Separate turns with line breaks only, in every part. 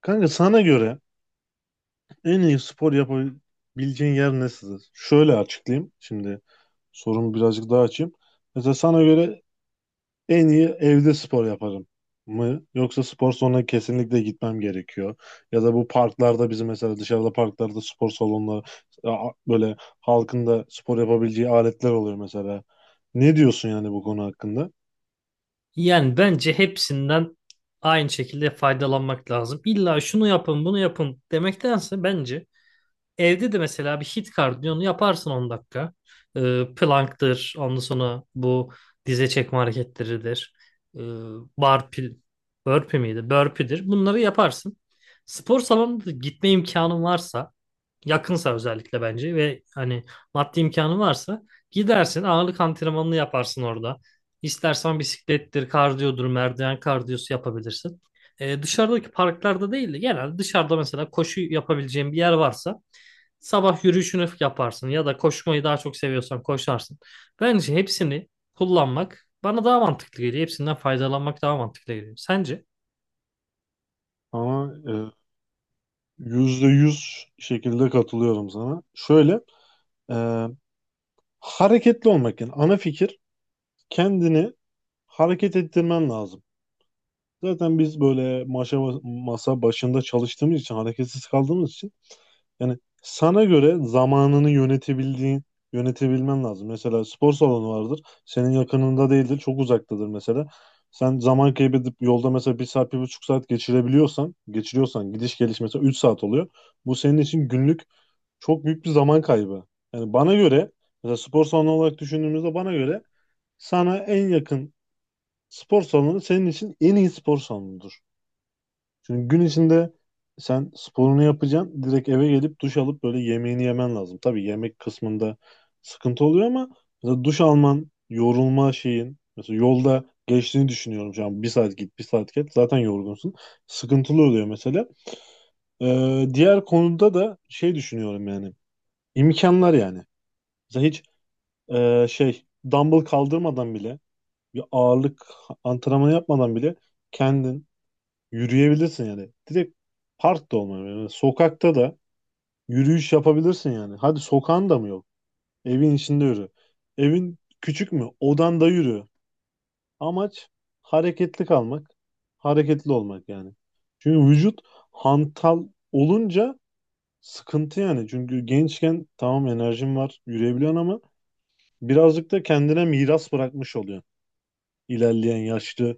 Kanka sana göre en iyi spor yapabileceğin yer nesidir? Şöyle açıklayayım. Şimdi sorumu birazcık daha açayım. Mesela sana göre en iyi evde spor yaparım mı? Yoksa spor salonuna kesinlikle gitmem gerekiyor. Ya da bu parklarda bizim mesela dışarıda parklarda spor salonları böyle halkın da spor yapabileceği aletler oluyor mesela. Ne diyorsun yani bu konu hakkında?
Yani bence hepsinden aynı şekilde faydalanmak lazım. İlla şunu yapın, bunu yapın demektense bence evde de mesela bir hit kardiyonu yaparsın 10 dakika. Plank'tır, ondan sonra bu dize çekme hareketleridir. Ee, burpee, burpee miydi? Burpee'dir. Bunları yaparsın. Spor salonuna da gitme imkanın varsa yakınsa özellikle bence ve hani maddi imkanı varsa gidersin ağırlık antrenmanını yaparsın orada. İstersen bisiklettir, kardiyodur, merdiven kardiyosu yapabilirsin. Dışarıdaki parklarda değil de genelde dışarıda mesela koşu yapabileceğin bir yer varsa sabah yürüyüşünü yaparsın ya da koşmayı daha çok seviyorsan koşarsın. Bence hepsini kullanmak bana daha mantıklı geliyor. Hepsinden faydalanmak daha mantıklı geliyor. Sence?
Ama yüzde yüz şekilde katılıyorum sana. Şöyle e, hareketli olmak yani ana fikir kendini hareket ettirmen lazım. Zaten biz böyle masa başında çalıştığımız için hareketsiz kaldığımız için yani sana göre zamanını yönetebildiğin yönetebilmen lazım. Mesela spor salonu vardır. Senin yakınında değildir. Çok uzaktadır mesela. Sen zaman kaybedip yolda mesela bir saat, bir buçuk saat geçiriyorsan gidiş geliş mesela 3 saat oluyor. Bu senin için günlük çok büyük bir zaman kaybı. Yani bana göre mesela spor salonu olarak düşündüğümüzde bana göre sana en yakın spor salonu senin için en iyi spor salonudur. Çünkü gün içinde sen sporunu yapacaksın. Direkt eve gelip duş alıp böyle yemeğini yemen lazım. Tabii yemek kısmında sıkıntı oluyor ama mesela duş alman, yorulma şeyin mesela yolda geçtiğini düşünüyorum şu an. Bir saat git, bir saat gel. Zaten yorgunsun. Sıkıntılı oluyor mesela. Diğer konuda da şey düşünüyorum yani. İmkanlar yani. Mesela hiç şey dumbbell kaldırmadan bile bir ağırlık antrenmanı yapmadan bile kendin yürüyebilirsin yani. Direkt parkta olmuyor. Yani sokakta da yürüyüş yapabilirsin yani. Hadi sokağın da mı yok? Evin içinde yürü. Evin küçük mü? Odanda yürü. Amaç hareketli kalmak, hareketli olmak yani. Çünkü vücut hantal olunca sıkıntı yani. Çünkü gençken tamam enerjin var, yürüyebiliyorsun ama birazcık da kendine miras bırakmış oluyor. İlerleyen yaşlı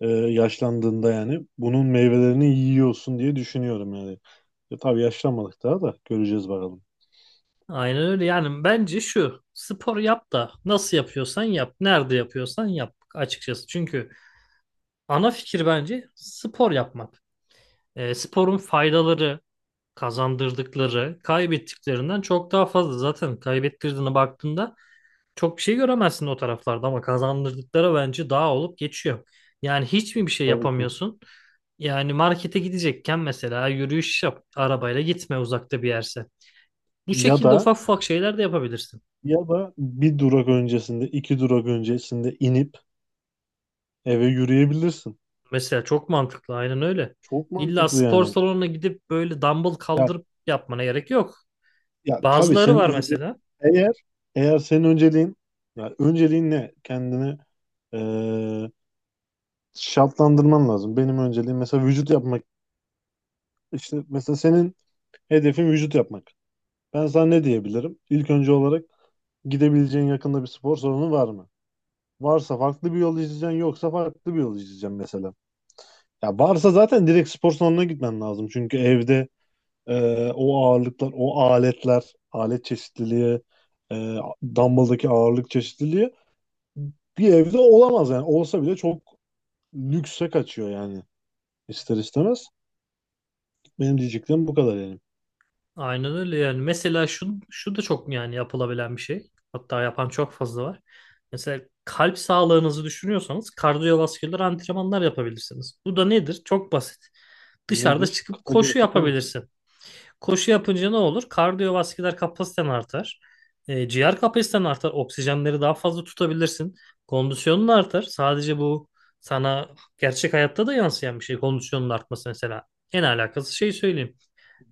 e, yaşlandığında yani bunun meyvelerini yiyorsun diye düşünüyorum yani. Tabii yaşlanmadık daha da göreceğiz bakalım.
Aynen öyle. Yani bence şu spor yap da nasıl yapıyorsan yap. Nerede yapıyorsan yap açıkçası. Çünkü ana fikir bence spor yapmak. Sporun faydaları, kazandırdıkları, kaybettiklerinden çok daha fazla. Zaten kaybettirdiğine baktığında çok bir şey göremezsin o taraflarda ama kazandırdıkları bence daha olup geçiyor. Yani hiç mi bir şey
Tabii ki.
yapamıyorsun? Yani markete gidecekken mesela yürüyüş yap, arabayla gitme uzakta bir yerse. Bu
Ya
şekilde
da
ufak ufak şeyler de yapabilirsin.
ya da bir durak öncesinde, iki durak öncesinde inip eve yürüyebilirsin.
Mesela çok mantıklı, aynen öyle.
Çok
İlla
mantıklı
spor
yani.
salonuna gidip böyle dumbbell
Ya
kaldırıp yapmana gerek yok.
ya tabii
Bazıları
senin
var mesela.
eğer eğer senin önceliğin ya önceliğin ne? Kendini e, şartlandırman lazım. Benim önceliğim mesela vücut yapmak. İşte mesela senin hedefin vücut yapmak. Ben sana ne diyebilirim? İlk önce olarak gidebileceğin yakında bir spor salonu var mı? Varsa farklı bir yol izleyeceksin, yoksa farklı bir yol izleyeceksin mesela. Ya varsa zaten direkt spor salonuna gitmen lazım. Çünkü evde o ağırlıklar, o aletler, alet çeşitliliği, e, dumbbell'daki ağırlık çeşitliliği bir evde olamaz yani. Olsa bile çok lükse kaçıyor yani ister istemez. Benim diyeceklerim bu kadar yani.
Aynen öyle yani. Mesela şu da çok yani yapılabilen bir şey. Hatta yapan çok fazla var. Mesela kalp sağlığınızı düşünüyorsanız kardiyovasküler antrenmanlar yapabilirsiniz. Bu da nedir? Çok basit. Dışarıda
Nedir?
çıkıp
Kısaca
koşu
açıklar mısın?
yapabilirsin. Koşu yapınca ne olur? Kardiyovasküler kapasiten artar. Ciğer kapasiten artar. Oksijenleri daha fazla tutabilirsin. Kondisyonun artar. Sadece bu sana gerçek hayatta da yansıyan bir şey. Kondisyonun artması mesela. En alakası şey söyleyeyim.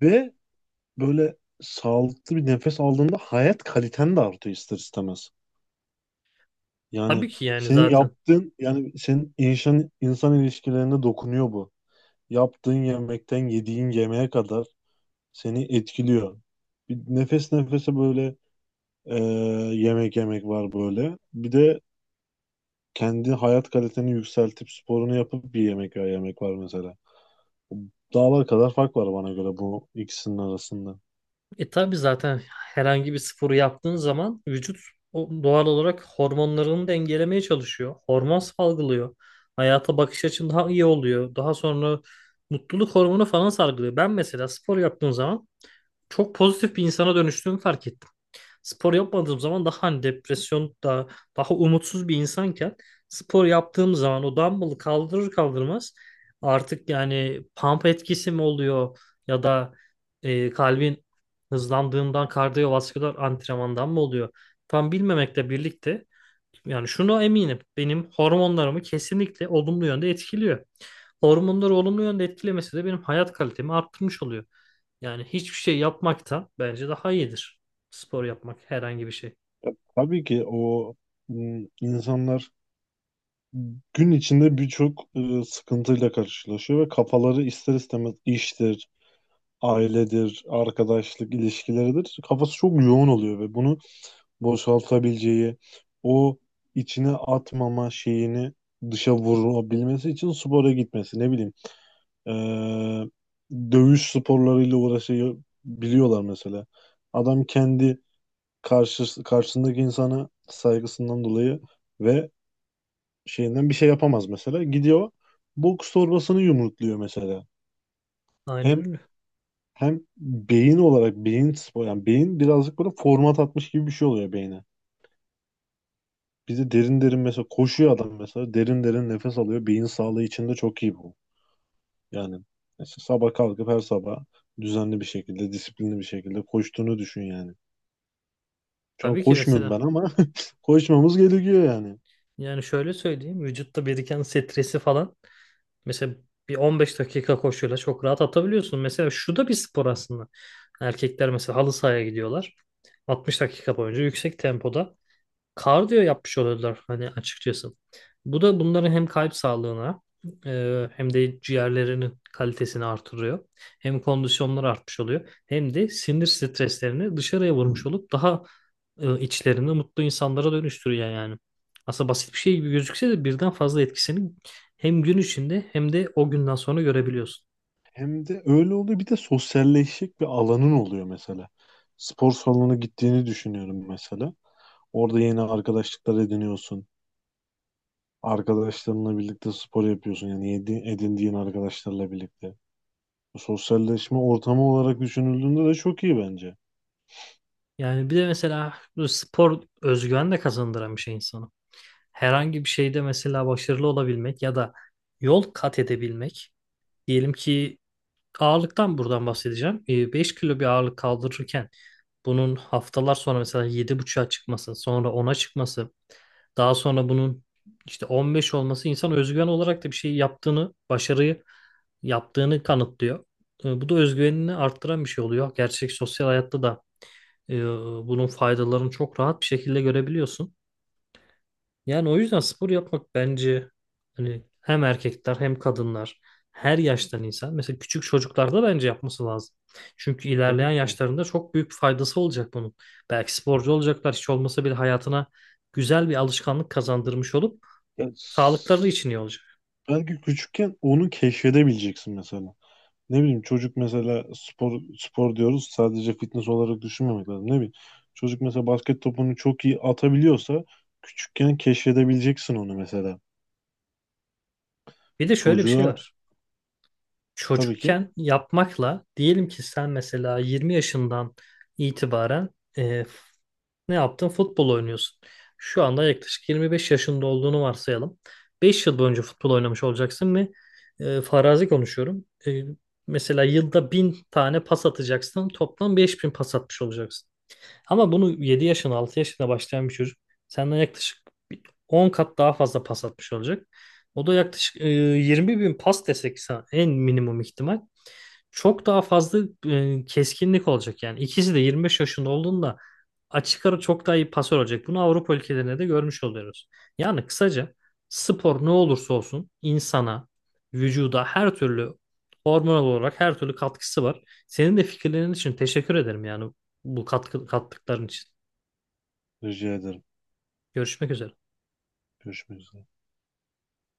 Ve böyle sağlıklı bir nefes aldığında hayat kaliten de artıyor ister istemez.
Tabii
Yani
ki yani
senin
zaten.
yaptığın yani senin insan ilişkilerine dokunuyor bu. Yaptığın yemekten yediğin yemeğe kadar seni etkiliyor. Bir nefes nefese böyle e, yemek yemek var böyle. Bir de kendi hayat kaliteni yükseltip sporunu yapıp bir yemek ya yemek var mesela. Dağlar kadar fark var bana göre bu ikisinin arasında.
E tabii zaten herhangi bir sporu yaptığın zaman vücut o doğal olarak hormonlarını dengelemeye çalışıyor. Hormon salgılıyor. Hayata bakış açın daha iyi oluyor. Daha sonra mutluluk hormonu falan salgılıyor. Ben mesela spor yaptığım zaman çok pozitif bir insana dönüştüğümü fark ettim. Spor yapmadığım zaman daha hani depresyon daha umutsuz bir insanken spor yaptığım zaman o dumbbell'ı kaldırır kaldırmaz artık yani pump etkisi mi oluyor ya da kalbin hızlandığından kardiyovasküler antrenmandan mı oluyor tam bilmemekle birlikte yani şunu eminim benim hormonlarımı kesinlikle olumlu yönde etkiliyor. Hormonları olumlu yönde etkilemesi de benim hayat kalitemi arttırmış oluyor. Yani hiçbir şey yapmaktan bence daha iyidir. Spor yapmak herhangi bir şey.
Tabii ki o insanlar gün içinde birçok sıkıntıyla karşılaşıyor ve kafaları ister istemez iştir, ailedir, arkadaşlık ilişkileridir. Kafası çok yoğun oluyor ve bunu boşaltabileceği, o içine atmama şeyini dışa vurabilmesi için spora gitmesi, ne bileyim, e, dövüş sporlarıyla uğraşabiliyorlar mesela. Adam kendi karşısındaki insana saygısından dolayı ve şeyinden bir şey yapamaz mesela. Gidiyor boks torbasını yumrukluyor mesela.
Aynen
Hem
öyle.
hem beyin olarak beyin spor yani beyin birazcık böyle format atmış gibi bir şey oluyor beyne. Bizi derin derin mesela koşuyor adam mesela derin derin nefes alıyor. Beyin sağlığı için de çok iyi bu. Yani mesela sabah kalkıp her sabah düzenli bir şekilde disiplinli bir şekilde koştuğunu düşün yani. Şu an
Tabii ki
koşmuyorum ben
mesela
ama koşmamız gerekiyor yani.
yani şöyle söyleyeyim, vücutta biriken stresi falan mesela bir 15 dakika koşuyla çok rahat atabiliyorsun. Mesela şu da bir spor aslında. Erkekler mesela halı sahaya gidiyorlar. 60 dakika boyunca yüksek tempoda kardiyo yapmış oluyorlar hani açıkçası. Bu da bunların hem kalp sağlığına hem de ciğerlerinin kalitesini artırıyor. Hem kondisyonları artmış oluyor. Hem de sinir streslerini dışarıya vurmuş olup daha içlerini mutlu insanlara dönüştürüyor yani. Aslında basit bir şey gibi gözükse de birden fazla etkisini hem gün içinde hem de o günden sonra görebiliyorsun.
Hem de öyle oluyor. Bir de sosyalleşecek bir alanın oluyor mesela. Spor salonuna gittiğini düşünüyorum mesela. Orada yeni arkadaşlıklar ediniyorsun. Arkadaşlarınla birlikte spor yapıyorsun. Yani edindiğin arkadaşlarla birlikte. Bu sosyalleşme ortamı olarak düşünüldüğünde de çok iyi bence.
Yani bir de mesela bu spor özgüven de kazandıran bir şey insana. Herhangi bir şeyde mesela başarılı olabilmek ya da yol kat edebilmek. Diyelim ki ağırlıktan buradan bahsedeceğim. Beş kilo bir ağırlık kaldırırken bunun haftalar sonra mesela 7,5'a çıkması, sonra ona çıkması, daha sonra bunun işte 15 olması insan özgüven olarak da bir şey yaptığını, başarıyı yaptığını kanıtlıyor. Bu da özgüvenini arttıran bir şey oluyor. Gerçek sosyal hayatta da e, bunun faydalarını çok rahat bir şekilde görebiliyorsun. Yani o yüzden spor yapmak bence hani hem erkekler hem kadınlar, her yaştan insan, mesela küçük çocuklarda bence yapması lazım. Çünkü
Tabii
ilerleyen
ki.
yaşlarında çok büyük faydası olacak bunun. Belki sporcu olacaklar, hiç olmasa bile hayatına güzel bir alışkanlık kazandırmış olup
Ya,
sağlıkları için iyi olacak.
belki küçükken onu keşfedebileceksin mesela. Ne bileyim çocuk mesela spor spor diyoruz sadece fitness olarak düşünmemek lazım. Ne bileyim çocuk mesela basket topunu çok iyi atabiliyorsa küçükken keşfedebileceksin onu mesela.
Bir de şöyle bir şey
Çocuğa
var.
tabii ki
Çocukken yapmakla diyelim ki sen mesela 20 yaşından itibaren e, ne yaptın? Futbol oynuyorsun. Şu anda yaklaşık 25 yaşında olduğunu varsayalım. 5 yıl boyunca futbol oynamış olacaksın ve farazi konuşuyorum. Mesela yılda 1000 tane pas atacaksın. Toplam 5000 pas atmış olacaksın. Ama bunu 7 yaşına, 6 yaşına başlayan bir çocuk senden yaklaşık bir 10 kat daha fazla pas atmış olacak. O da yaklaşık 20 bin pas desek sana en minimum ihtimal. Çok daha fazla keskinlik olacak yani. İkisi de 25 yaşında olduğunda açık ara çok daha iyi pasör olacak. Bunu Avrupa ülkelerinde de görmüş oluyoruz. Yani kısaca spor ne olursa olsun insana, vücuda her türlü hormonal olarak her türlü katkısı var. Senin de fikirlerin için teşekkür ederim yani, bu katkı, kattıkların için.
rica ederim.
Görüşmek üzere.
Görüşmek üzere.